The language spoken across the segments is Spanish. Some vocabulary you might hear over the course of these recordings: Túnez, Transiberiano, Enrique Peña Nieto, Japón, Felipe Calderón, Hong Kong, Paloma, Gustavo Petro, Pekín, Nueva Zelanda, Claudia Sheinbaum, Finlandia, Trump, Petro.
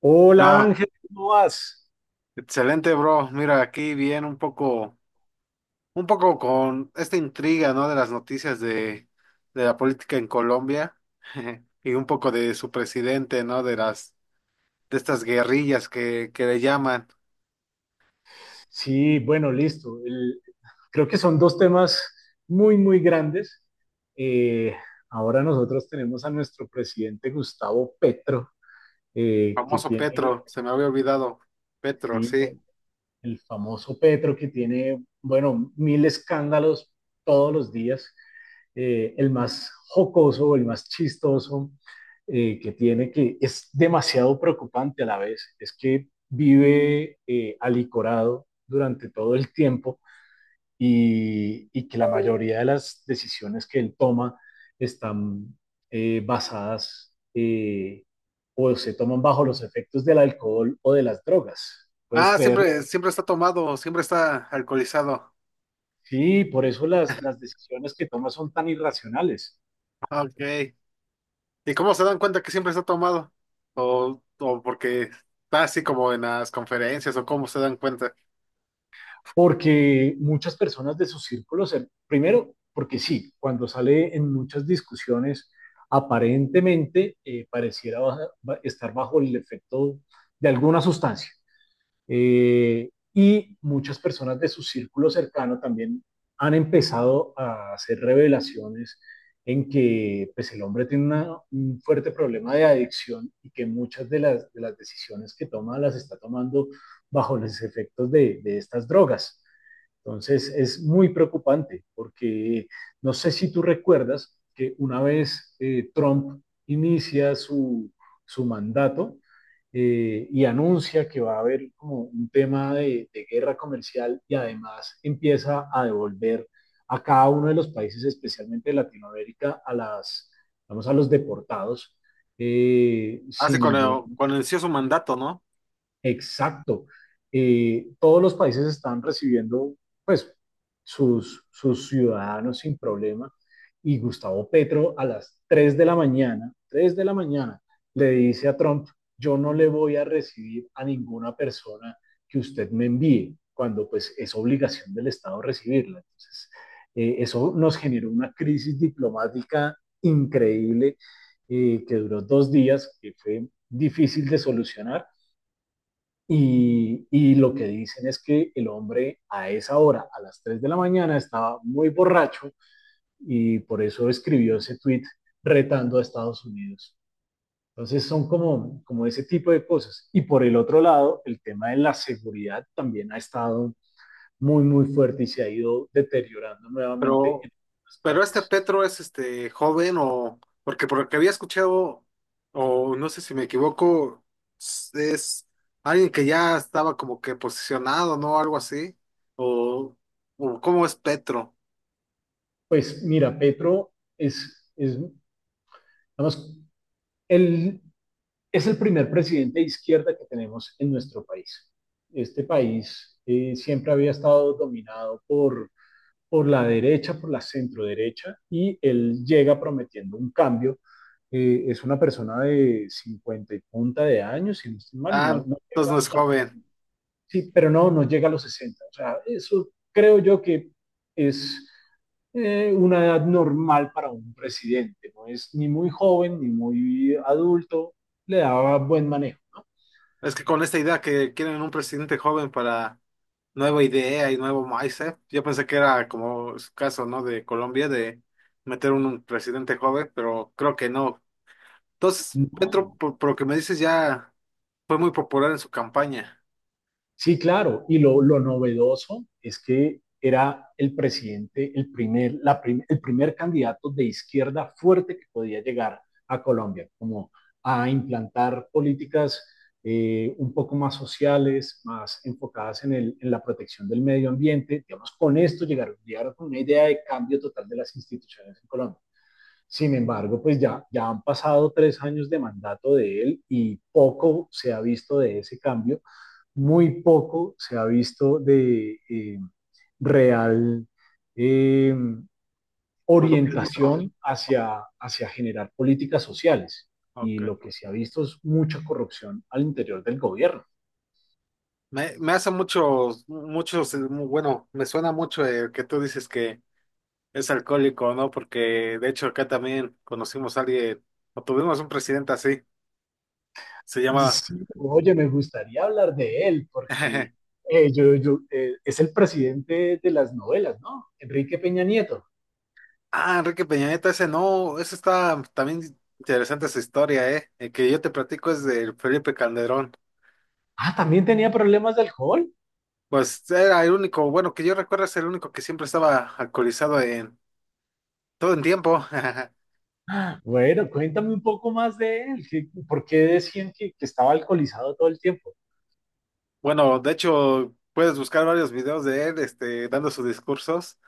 Hola No, Ángel, ¿cómo vas? excelente, bro. Mira, aquí bien un poco con esta intriga, ¿no? De las noticias de la política en Colombia y un poco de su presidente, ¿no? De estas guerrillas que le llaman. Sí, bueno, listo. Creo que son dos temas muy, muy grandes. Eh, Ahora nosotros tenemos a nuestro presidente Gustavo Petro, que Famoso tiene, Petro, se me había olvidado. Petro, sí, sí. el famoso Petro que tiene, bueno, mil escándalos todos los días, el más jocoso, el más chistoso que tiene, que es demasiado preocupante a la vez, es que vive alicorado durante todo el tiempo y que la mayoría de las decisiones que él toma están basadas, o se toman bajo los efectos del alcohol o de las drogas. ¿Puedes Ah, creerlo? siempre está tomado, siempre está alcoholizado. Sí, por eso las decisiones que toma son tan irracionales, Ah, Ok. ¿Y cómo se dan cuenta que siempre está tomado? O porque está así como en las conferencias, o cómo se dan cuenta. porque muchas personas de su círculo, primero, porque sí, cuando sale en muchas discusiones, aparentemente pareciera estar bajo el efecto de alguna sustancia. Y muchas personas de su círculo cercano también han empezado a hacer revelaciones en que, pues, el hombre tiene un fuerte problema de adicción y que muchas de las decisiones que toma las está tomando bajo los efectos de estas drogas. Entonces es muy preocupante porque no sé si tú recuerdas que una vez, Trump inicia su mandato, y anuncia que va a haber como un tema de guerra comercial, y además empieza a devolver a cada uno de los países, especialmente de Latinoamérica, a las, vamos, a los deportados Hace sin ningún... cuando inició su mandato, ¿no? Exacto. Todos los países están recibiendo, pues, sus ciudadanos sin problema. Y Gustavo Petro, a las 3 de la mañana, 3 de la mañana, le dice a Trump: yo no le voy a recibir a ninguna persona que usted me envíe, cuando pues es obligación del Estado recibirla. Entonces, eso nos generó una crisis diplomática increíble, que duró dos días, que fue difícil de solucionar, y lo que dicen es que el hombre a esa hora, a las 3 de la mañana, estaba muy borracho y por eso escribió ese tweet retando a Estados Unidos. Entonces son como, como ese tipo de cosas. Y por el otro lado, el tema de la seguridad también ha estado muy, muy fuerte y se ha ido deteriorando nuevamente Pero, en algunas pero este partes. Petro es este joven o porque por lo que había escuchado, o no sé si me equivoco, es alguien que ya estaba como que posicionado, ¿no? Algo así. O, o ¿cómo es Petro? Pues mira, Petro es, digamos, el es el primer presidente de izquierda que tenemos en nuestro país. Este país, siempre había estado dominado por la derecha, por la centroderecha, y él llega prometiendo un cambio. Es una persona de 50 y punta de años, si no estoy mal, Ah, no, no entonces llega no a... es joven. Sí, pero no, no llega a los 60. O sea, eso creo yo que es, una edad normal para un presidente. No es ni muy joven ni muy adulto, le daba buen manejo, ¿no? Es que con esta idea que quieren un presidente joven para nueva idea y nuevo mindset, yo pensé que era como su caso, ¿no? De Colombia, de meter un presidente joven, pero creo que no. Entonces, No. Petro, por lo que me dices, ya fue muy popular en su campaña, Sí, claro. Y lo novedoso es que era el presidente, el primer candidato de izquierda fuerte que podía llegar a Colombia, como a implantar políticas, un poco más sociales, más enfocadas en, en la protección del medio ambiente. Digamos, con esto llegaron, llegaron con una idea de cambio total de las instituciones en Colombia. Sin embargo, pues ya han pasado tres años de mandato de él y poco se ha visto de ese cambio. Muy poco se ha visto de real, eh, por lo que dijo. orientación hacia generar políticas sociales. Y Ok. lo que se ha visto es mucha corrupción al interior del gobierno. Me hace bueno, me suena mucho el que tú dices que es alcohólico, ¿no? Porque de hecho acá también conocimos a alguien, o tuvimos un presidente así, se llama, Sí, oye, me gustaría hablar de él porque, es el presidente de las novelas, ¿no? Enrique Peña Nieto. ah, Enrique Peña Nieto, ese no, ese está también interesante esa historia, ¿eh? El que yo te platico es del Felipe Calderón. Ah, también tenía problemas de alcohol. Pues era el único, bueno, que yo recuerdo es el único que siempre estaba alcoholizado en todo en tiempo. Ah, bueno, cuéntame un poco más de él. ¿Qué...? ¿Por qué decían que estaba alcoholizado todo el tiempo? Bueno, de hecho, puedes buscar varios videos de él, este, dando sus discursos,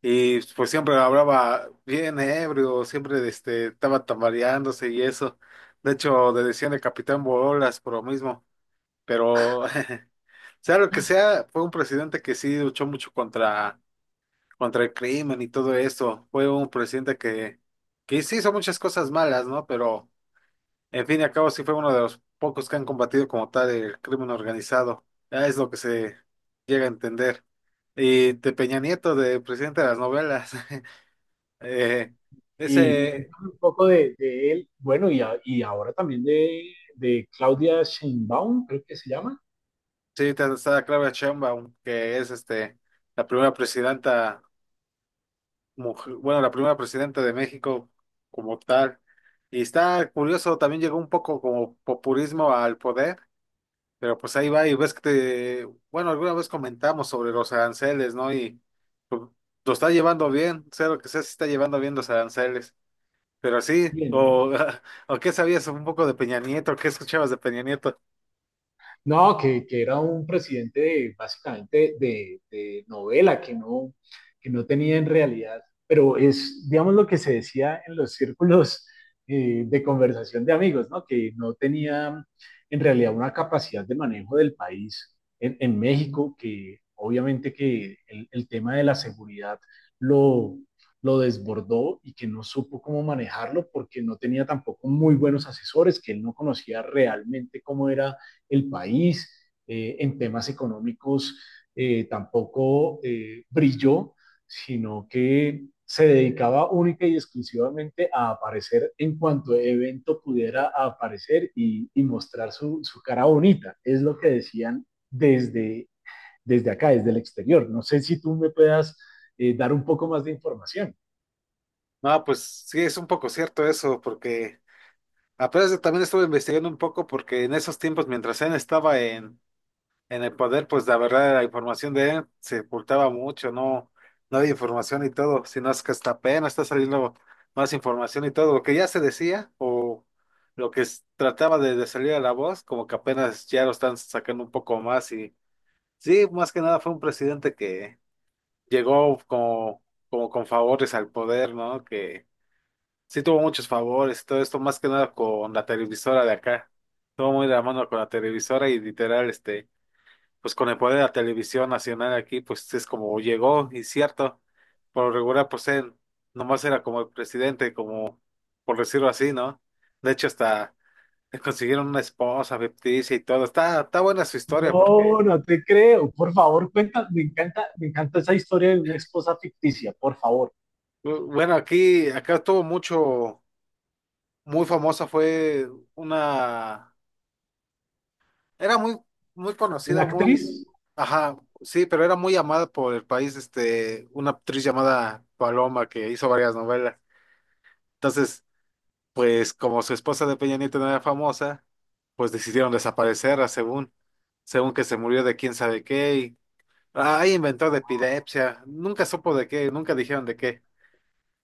y pues siempre hablaba bien ebrio, siempre este, estaba tambaleándose y eso. De hecho, le decían el Capitán Bolas por lo mismo, pero sea lo que sea, fue un presidente que sí luchó mucho contra el crimen y todo eso. Fue un presidente que sí hizo muchas cosas malas, ¿no? Pero en fin y al cabo, sí fue uno de los pocos que han combatido como tal el crimen organizado. Ya es lo que se llega a entender. Y de Peña Nieto, de presidente de las novelas, eh, Y ese, cuéntame un poco de él, bueno, y, y ahora también de Claudia Sheinbaum, creo que se llama. sí, está Claudia Sheinbaum, que es este, la primera presidenta, bueno, la primera presidenta de México como tal. Y está curioso, también llegó un poco como populismo al poder. Pero pues ahí va y ves que te, bueno, alguna vez comentamos sobre los aranceles, ¿no? Y pues, lo está llevando bien, sea lo que sea, se está llevando bien los aranceles. Pero sí, Bien. o, o qué sabías un poco de Peña Nieto, qué escuchabas de Peña Nieto. No, que era un presidente de... básicamente de novela, que no tenía en realidad, pero es, digamos, lo que se decía en los círculos, de conversación de amigos, ¿no? Que no tenía en realidad una capacidad de manejo del país en México, que obviamente que el tema de la seguridad lo, lo desbordó, y que no supo cómo manejarlo porque no tenía tampoco muy buenos asesores, que él no conocía realmente cómo era el país, en temas económicos, tampoco brilló, sino que se dedicaba única y exclusivamente a aparecer en cuanto evento pudiera aparecer y mostrar su cara bonita. Es lo que decían desde, desde acá, desde el exterior. No sé si tú me puedas, dar un poco más de información. No, pues sí, es un poco cierto eso, porque apenas también estuve investigando un poco porque en esos tiempos, mientras él estaba en en el poder, pues la verdad, la información de él se ocultaba mucho, no había información y todo, sino es que hasta apenas está saliendo más información y todo, lo que ya se decía o lo que trataba de salir a la voz, como que apenas ya lo están sacando un poco más y sí, más que nada fue un presidente que llegó como con favores al poder, ¿no? Que sí tuvo muchos favores y todo esto, más que nada con la televisora de acá, todo muy de la mano con la televisora y literal, este pues con el poder de la televisión nacional aquí, pues es como llegó, y cierto, por lo regular, pues él nomás era como el presidente, como por decirlo así, ¿no? De hecho, hasta le consiguieron una esposa ficticia y todo. Está buena su historia porque, No, no te creo. Por favor, cuenta. Me encanta esa historia de una esposa ficticia. Por favor, bueno, aquí, acá estuvo mucho, muy famosa fue una, era muy, muy una conocida, muy, actriz... ajá, sí, pero era muy amada por el país, este, una actriz llamada Paloma que hizo varias novelas. Entonces, pues como su esposa de Peña Nieto no era famosa, pues decidieron desaparecerla según que se murió de quién sabe qué y ahí inventó de epilepsia, nunca supo de qué, nunca dijeron de qué,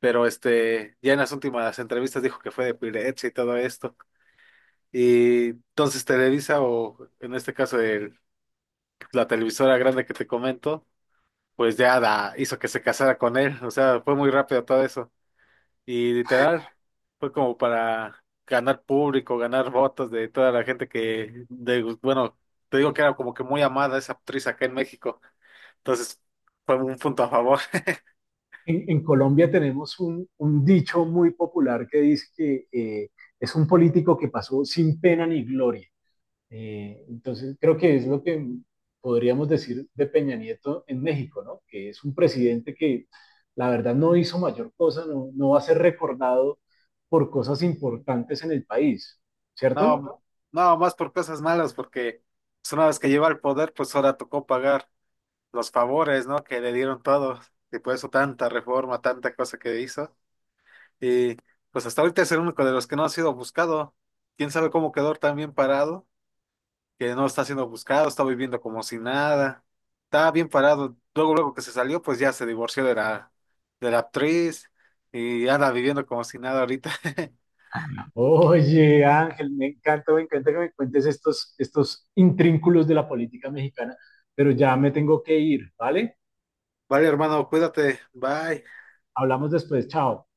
pero este, ya en las últimas entrevistas dijo que fue de epilepsia y todo esto. Y entonces Televisa o en este caso la televisora grande que te comento, pues ya la hizo que se casara con él, o sea, fue muy rápido todo eso. Y literal, fue como para ganar público, ganar votos de toda la gente que, de, bueno, te digo que era como que muy amada esa actriz acá en México. Entonces, fue un punto a favor. En Colombia tenemos un, dicho muy popular que dice que, es un político que pasó sin pena ni gloria. Entonces, creo que es lo que podríamos decir de Peña Nieto en México, ¿no? Que es un presidente que la verdad no hizo mayor cosa, no, no va a ser recordado por cosas importantes en el país, ¿cierto? No, no, más por cosas malas, porque pues, una vez que lleva el poder, pues ahora tocó pagar los favores, ¿no? Que le dieron todos. Y por eso tanta reforma, tanta cosa que hizo. Y pues hasta ahorita es el único de los que no ha sido buscado. ¿Quién sabe cómo quedó tan bien parado? Que no está siendo buscado, está viviendo como si nada, está bien parado. Luego, luego que se salió, pues ya se divorció de la actriz y anda viviendo como si nada ahorita. Oye, Ángel, me encanta que me cuentes estos, estos intrínculos de la política mexicana, pero ya me tengo que ir, ¿vale? Vale, hermano, cuídate, bye. Hablamos después, chao.